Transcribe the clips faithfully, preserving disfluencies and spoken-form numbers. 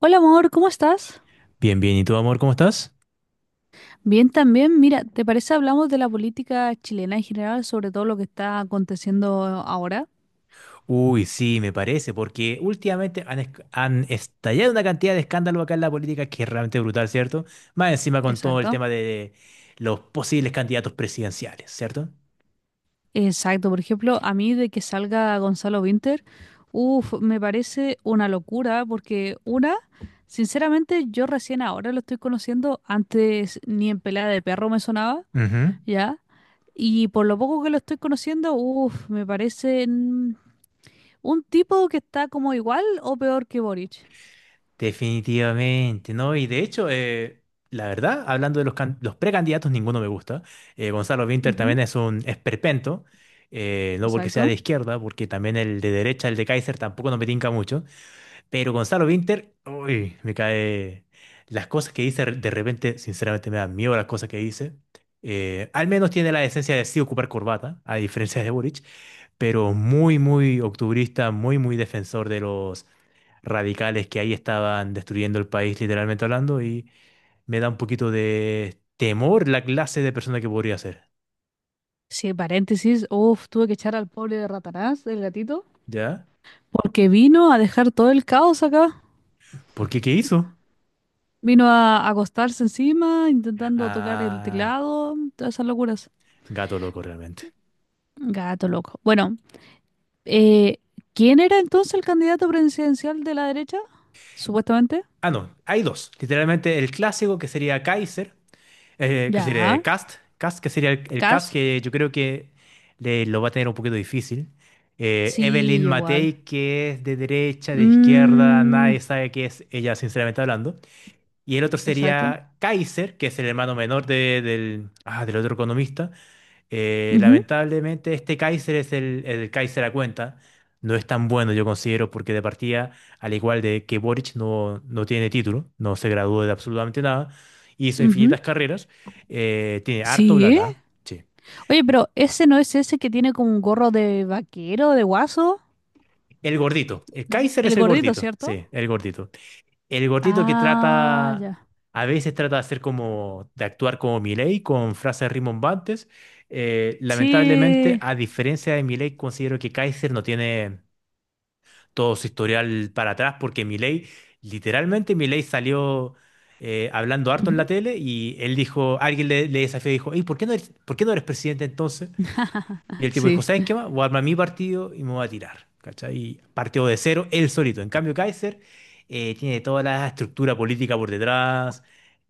Hola amor, ¿cómo estás? Bien, bien. ¿Y tú, amor, cómo estás? Bien también. Mira, ¿te parece hablamos de la política chilena en general, sobre todo lo que está aconteciendo ahora? Uy, sí, me parece, porque últimamente han, esc- han estallado una cantidad de escándalos acá en la política que es realmente brutal, ¿cierto? Más encima con todo el Exacto. tema de los posibles candidatos presidenciales, ¿cierto? Exacto. Por ejemplo, a mí de que salga Gonzalo Winter, uff, me parece una locura porque una, sinceramente, yo recién ahora lo estoy conociendo, antes ni en pelea de perro me sonaba, Ujú. ¿ya? Y por lo poco que lo estoy conociendo, uff, me parece mm, un tipo que está como igual o peor que Boric. Definitivamente, ¿no? Y de hecho, eh, la verdad, hablando de los, can- los precandidatos, ninguno me gusta. Eh, Gonzalo Winter Ujú, también es un esperpento, eh, no porque sea de exacto. izquierda, porque también el de derecha, el de Kaiser, tampoco nos me tinca mucho. Pero Gonzalo Vinter, uy, me cae. Las cosas que dice de repente, sinceramente me da miedo las cosas que dice. Eh, al menos tiene la esencia de sí ocupar corbata, a diferencia de Boric, pero muy, muy octubrista, muy, muy defensor de los radicales que ahí estaban destruyendo el país, literalmente hablando, y me da un poquito de temor la clase de persona que podría ser. Sí, paréntesis, uff, tuve que echar al pobre de Ratanás, el gatito, ¿Ya? porque vino a dejar todo el caos acá. ¿Por qué? ¿Qué hizo? Vino a acostarse encima, intentando tocar el Ah, teclado, todas esas locuras. gato loco realmente. Gato loco. Bueno, eh, ¿quién era entonces el candidato presidencial de la derecha? Supuestamente. Ah, no, hay dos. Literalmente el clásico que sería Kaiser. Eh, ¿qué sería? Eh, Ya, Cast, Cast, que sería el, el Cast Cas. que yo creo que le- lo va a tener un poquito difícil. Eh, Sí, Evelyn yo igual. Matei, que es de derecha, de izquierda, Mm, nadie sabe qué es ella, sinceramente hablando. Y el otro exacto. sería Kaiser, que es el hermano menor de- del, ah, del otro economista. Eh, Ujú, Lamentablemente este Kaiser es el, el Kaiser a cuenta. No es tan bueno, yo considero, porque de partida, al igual de que Boric no, no tiene título, no se graduó de absolutamente nada, hizo ujú. infinitas carreras, eh, tiene harto bla Sí. bla. Sí. Oye, pero ese no es ese que tiene como un gorro de vaquero, de guaso. El gordito. El Kaiser es El el gordito, gordito. ¿cierto? Sí, el gordito. El gordito que Ah, trata, ya. a veces trata de hacer como, de actuar como Milei con frases rimbombantes. Eh, lamentablemente, Sí. a diferencia de Milei, considero que Kaiser no tiene todo su historial para atrás, porque Milei, literalmente Milei salió eh, hablando harto en la Ujú. tele y él dijo, alguien le, le desafió y dijo, ¿y por qué no eres, por qué no eres presidente entonces? Y el tipo dijo, Sí. ¿sabes qué más? Voy a armar mi partido y me voy a tirar, ¿cachai? Y partió de cero él solito. En cambio, Kaiser eh, tiene toda la estructura política por detrás,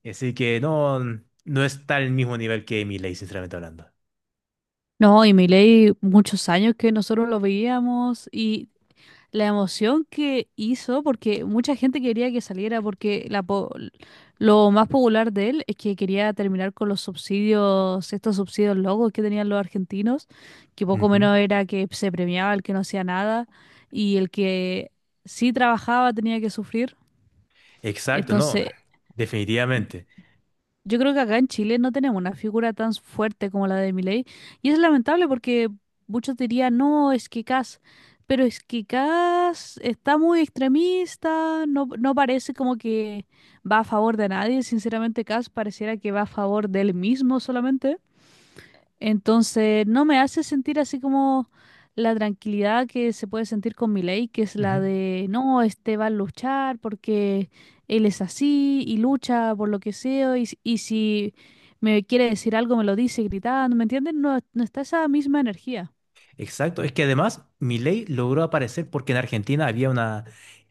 así que no, no está al mismo nivel que Milei, sinceramente hablando. No, y Milei, muchos años que nosotros lo veíamos y la emoción que hizo, porque mucha gente quería que saliera, porque la po- lo más popular de él es que quería terminar con los subsidios, estos subsidios locos que tenían los argentinos, que poco Ujú. menos era que se premiaba el que no hacía nada y el que sí trabajaba tenía que sufrir. Exacto, no, Entonces, definitivamente. yo creo que acá en Chile no tenemos una figura tan fuerte como la de Milei. Y es lamentable porque muchos dirían, no, es que Kast, pero es que Kast está muy extremista, no, no parece como que va a favor de nadie. Sinceramente, Kast pareciera que va a favor de él mismo solamente. Entonces, no me hace sentir así como la tranquilidad que se puede sentir con Milei, que es la Ujú. de, no, este va a luchar porque él es así y lucha por lo que sea y, s- y si me quiere decir algo me lo dice gritando, ¿me entiendes? No, no está esa misma energía. Exacto, es que además Milei logró aparecer porque en Argentina había una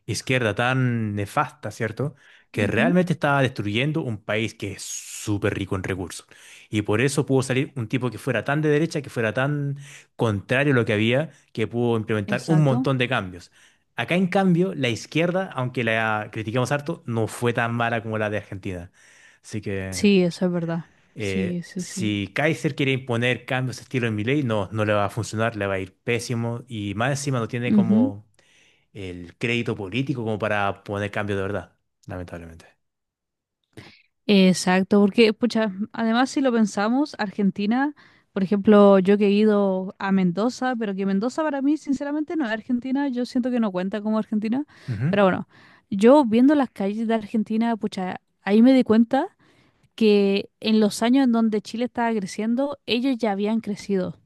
izquierda tan nefasta, ¿cierto? Que Ujú, realmente estaba destruyendo un país que es súper rico en recursos. Y por eso pudo salir un tipo que fuera tan de derecha, que fuera tan contrario a lo que había, que pudo implementar un exacto. montón de cambios. Acá, en cambio, la izquierda, aunque la critiquemos harto, no fue tan mala como la de Argentina. Así que... Sí, eso es verdad. Sí, Eh, sí, sí. Si Kaiser quiere imponer cambios de estilo en Milei, no, no le va a funcionar, le va a ir pésimo y más encima no tiene Ujú. como el crédito político como para poner cambios de verdad, lamentablemente. Exacto, porque, pucha, además si lo pensamos, Argentina, por ejemplo, yo que he ido a Mendoza, pero que Mendoza para mí, sinceramente, no es Argentina, yo siento que no cuenta como Argentina, Ujú. pero bueno, yo viendo las calles de Argentina, pucha, ahí me di cuenta que en los años en donde Chile estaba creciendo, ellos ya habían crecido,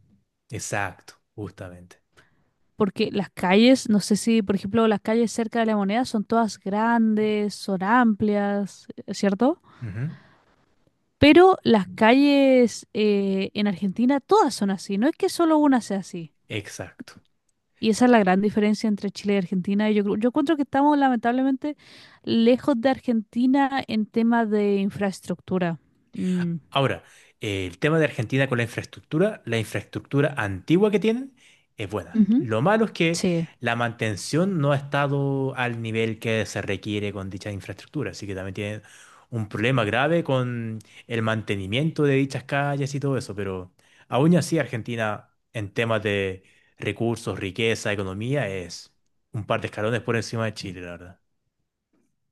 Exacto, justamente. porque las calles, no sé si, por ejemplo, las calles cerca de La Moneda son todas grandes, son amplias, ¿cierto? Ujú. Pero las calles eh, en Argentina todas son así, no es que solo una sea así. Exacto. Y esa es la gran diferencia entre Chile y Argentina. Y yo, creo- yo encuentro que estamos lamentablemente lejos de Argentina en temas de infraestructura. Mm, Ahora, eh, el tema de Argentina con la infraestructura, la infraestructura antigua que tienen es buena. ujú, Lo malo es que sí, la mantención no ha estado al nivel que se requiere con dicha infraestructura, así que también tienen un problema grave con el mantenimiento de dichas calles y todo eso, pero aún así Argentina en temas de recursos, riqueza, economía es un par de escalones por encima de Chile, la verdad.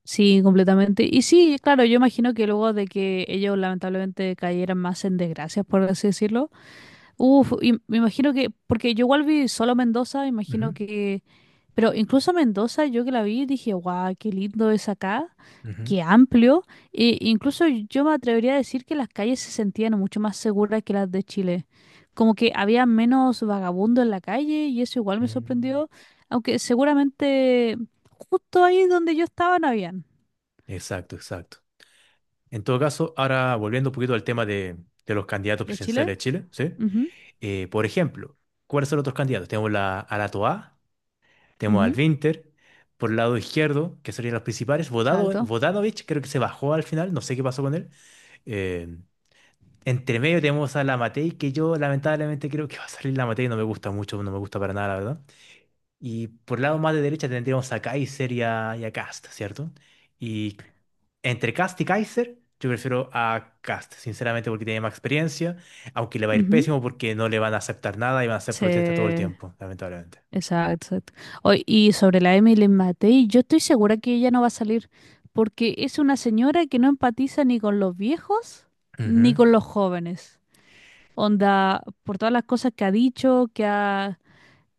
sí, completamente. Y sí, claro, yo imagino que luego de que ellos lamentablemente cayeran más en desgracias, por así decirlo. Uf, y me imagino que, porque yo igual vi solo Mendoza, imagino Ujú, que pero incluso Mendoza, yo que la vi, dije, guau, qué lindo es acá, ujú. qué amplio. E incluso yo me atrevería a decir que las calles se sentían mucho más seguras que las de Chile. Como que había menos vagabundo en la calle y eso igual me Mm. sorprendió. Aunque seguramente justo ahí donde yo estaba no habían. Exacto, exacto. En todo caso, ahora volviendo un poquito al tema de, de los candidatos ¿De Chile? presidenciales de Chile, ¿sí? Ujú, Eh, por ejemplo, ¿cuáles son los otros candidatos? Tenemos la, a la Toa, tenemos al ujú, Winter, por el lado izquierdo, que serían los principales. Vodado, exacto, Vodanovic creo que se bajó al final, no sé qué pasó con él. Eh, Entre medio tenemos a la Matei, que yo lamentablemente creo que va a salir la Matei, no me gusta mucho, no me gusta para nada, la verdad. Y por el lado más de derecha tendríamos a Kaiser y a, y a Kast, ¿cierto? Y entre Kast y Kaiser, yo prefiero a Kast, sinceramente, porque tiene más experiencia, aunque le va a ir ujú. pésimo porque no le van a aceptar nada y van a hacer protestas todo el Sí. tiempo, lamentablemente. Exacto, exacto. Oy, y sobre la Emily Matei, yo estoy segura que ella no va a salir, porque es una señora que no empatiza ni con los viejos Ujú, ni con los jóvenes. Onda, por todas las cosas que ha dicho, que ha...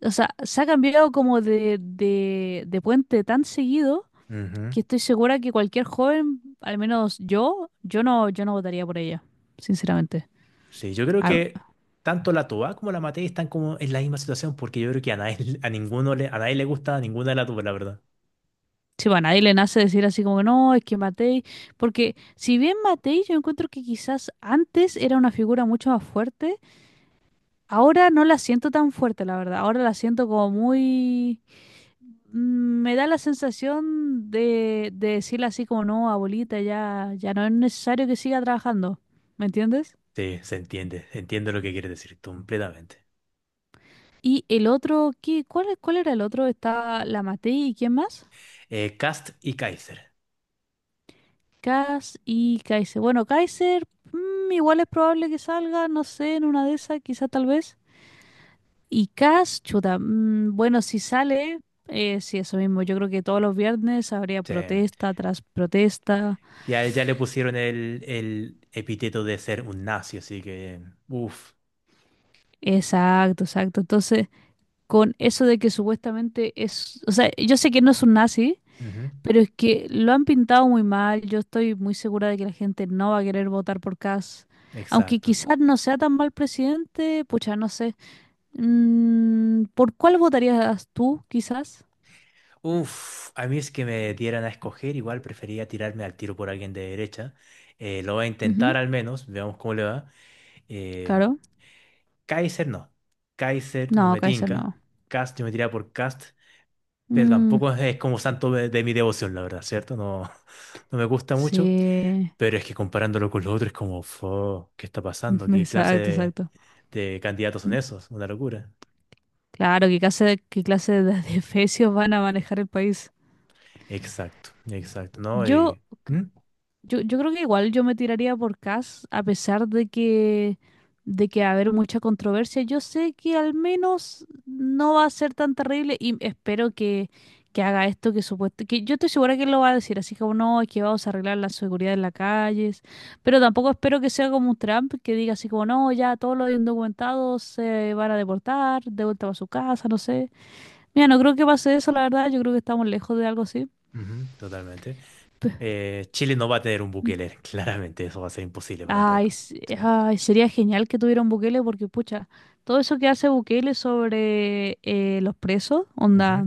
O sea, se ha cambiado como de, de, de puente tan seguido ujú. que estoy segura que cualquier joven, al menos yo, yo no, yo no votaría por ella, sinceramente. Sí, yo creo A- que tanto la Toa como la Matei están como en la misma situación porque yo creo que a nadie, a ninguno le, a nadie le gusta ninguna de las dos, la verdad. Sí, bueno, ahí le nace decir así como, no, es que Matei, porque si bien Matei yo encuentro que quizás antes era una figura mucho más fuerte, ahora no la siento tan fuerte, la verdad, ahora la siento como muy... mm, me da la sensación de, de decirle así como, no, abuelita, ya, ya no es necesario que siga trabajando, ¿me entiendes? Sí, se entiende, entiendo lo que quieres decir completamente. Y el otro, ¿qué, cuál, cuál era el otro? Estaba la Matei y ¿quién más? Eh, Kast y Kaiser. Cass y Kaiser. Bueno, Kaiser, mm, igual es probable que salga, no sé, en una de esas, quizá tal vez. Y Cass, chuta, mm, bueno, si sale, eh, sí, eso mismo. Yo creo que todos los viernes habría Sí. protesta tras protesta. Y a él ya le pusieron el, el epíteto de ser un nazi, así que, uff, Exacto, exacto. Entonces, con eso de que supuestamente es, o sea, yo sé que no es un nazi, pero es que lo han pintado muy mal. Yo estoy muy segura de que la gente no va a querer votar por Cass. Aunque exacto. quizás no sea tan mal presidente, pucha, no sé. Mm, ¿por cuál votarías tú, quizás? Uff, a mí es que me dieran a escoger, igual prefería tirarme al tiro por alguien de derecha. Eh, lo voy a intentar Ujú, al menos, veamos cómo le va. Eh, claro. Kaiser no, Kaiser no No, me Kaiser no. tinca, Cast yo me tiraría por Cast, pero Mm, tampoco es como santo de, de mi devoción, la verdad, ¿cierto? No, no me gusta mucho, sí, pero es que comparándolo con los otros es como, "Fo, ¿qué está pasando? ¿Qué clase exacto, de... exacto. de candidatos son esos, una locura. Claro, ¿qué clase, qué clase de de fecios van a manejar el país? Exacto, exacto, ¿no? Yo Y, ¿mm? Yo, yo creo que igual yo me tiraría por Cass, a pesar de que, de que va a haber mucha controversia. Yo sé que al menos no va a ser tan terrible y espero que, que haga esto que supuesto, que yo estoy segura que él lo va a decir, así como no, es que vamos a arreglar la seguridad en las calles, pero tampoco espero que sea como un Trump que diga así como no, ya todos los indocumentados se van a deportar, de vuelta a su casa, no sé. Mira, no creo que pase eso, la verdad, yo creo que estamos lejos de algo así. Ujú, totalmente. Eh, Chile no va a tener un Bukele, claramente, eso va a ser imposible para un país. Ay, Con- s- sí. ay, sería genial que tuviera un Bukele porque, pucha, todo eso que hace Bukele sobre eh, los presos, Ujú. onda,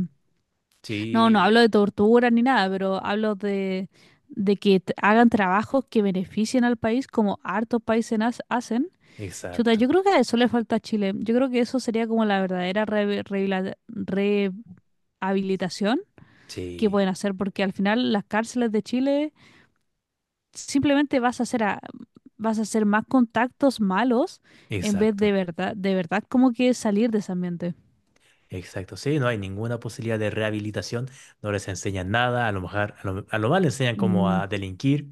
no, no hablo Sí, de tortura ni nada, pero hablo de, de que t- hagan trabajos que beneficien al país como hartos países nas- hacen. Chuta, yo exacto, creo que a eso le falta a Chile. Yo creo que eso sería como la verdadera re- rehabilita- rehabilitación que sí, pueden hacer porque al final las cárceles de Chile simplemente vas a hacer a- vas a hacer más contactos malos en vez de exacto, verdad, de verdad como que salir de ese ambiente. exacto. Sí, no hay ninguna posibilidad de rehabilitación, no les enseñan nada, a lo mejor, a lo, a lo más les enseñan como Mm, a delinquir,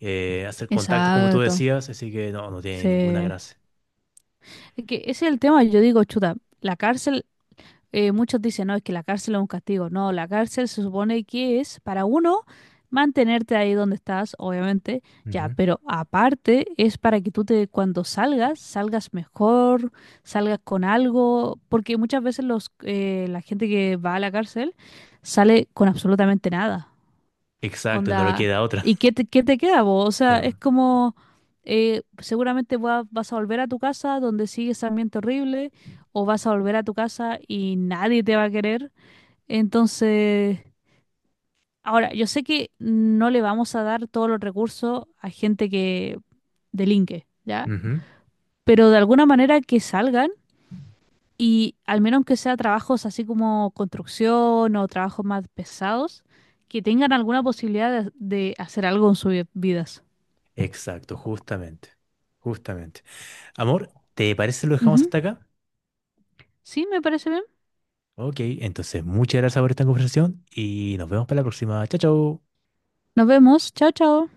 eh, hacer contactos, como tú exacto. decías, así que no, no tiene ninguna Sí. gracia. Es que ese es el tema, yo digo, chuta, la cárcel eh, muchos dicen, no, es que la cárcel es un castigo. No, la cárcel se supone que es para uno mantenerte ahí donde estás, obviamente, ya, Ujú. pero aparte es para que tú te, cuando salgas, salgas mejor, salgas con algo, porque muchas veces los, eh, la gente que va a la cárcel sale con absolutamente nada. Exacto, no le Onda, queda otra. ¿y qué te, qué te queda vos? O Sí, sea, es bueno. como, eh, seguramente va- vas a volver a tu casa donde sigue ese ambiente horrible, o vas a volver a tu casa y nadie te va a querer. Entonces, ahora, yo sé que no le vamos a dar todos los recursos a gente que delinque, ¿ya? Ujú. Pero de alguna manera que salgan y al menos que sea trabajos así como construcción o trabajos más pesados, que tengan alguna posibilidad de, de hacer algo en sus vidas. Exacto, justamente. Justamente. Amor, ¿te parece si lo dejamos Ujú. hasta acá? Sí, me parece bien. Ok, entonces muchas gracias por esta conversación y nos vemos para la próxima. Chao, chao. Nos vemos. Chao, chao.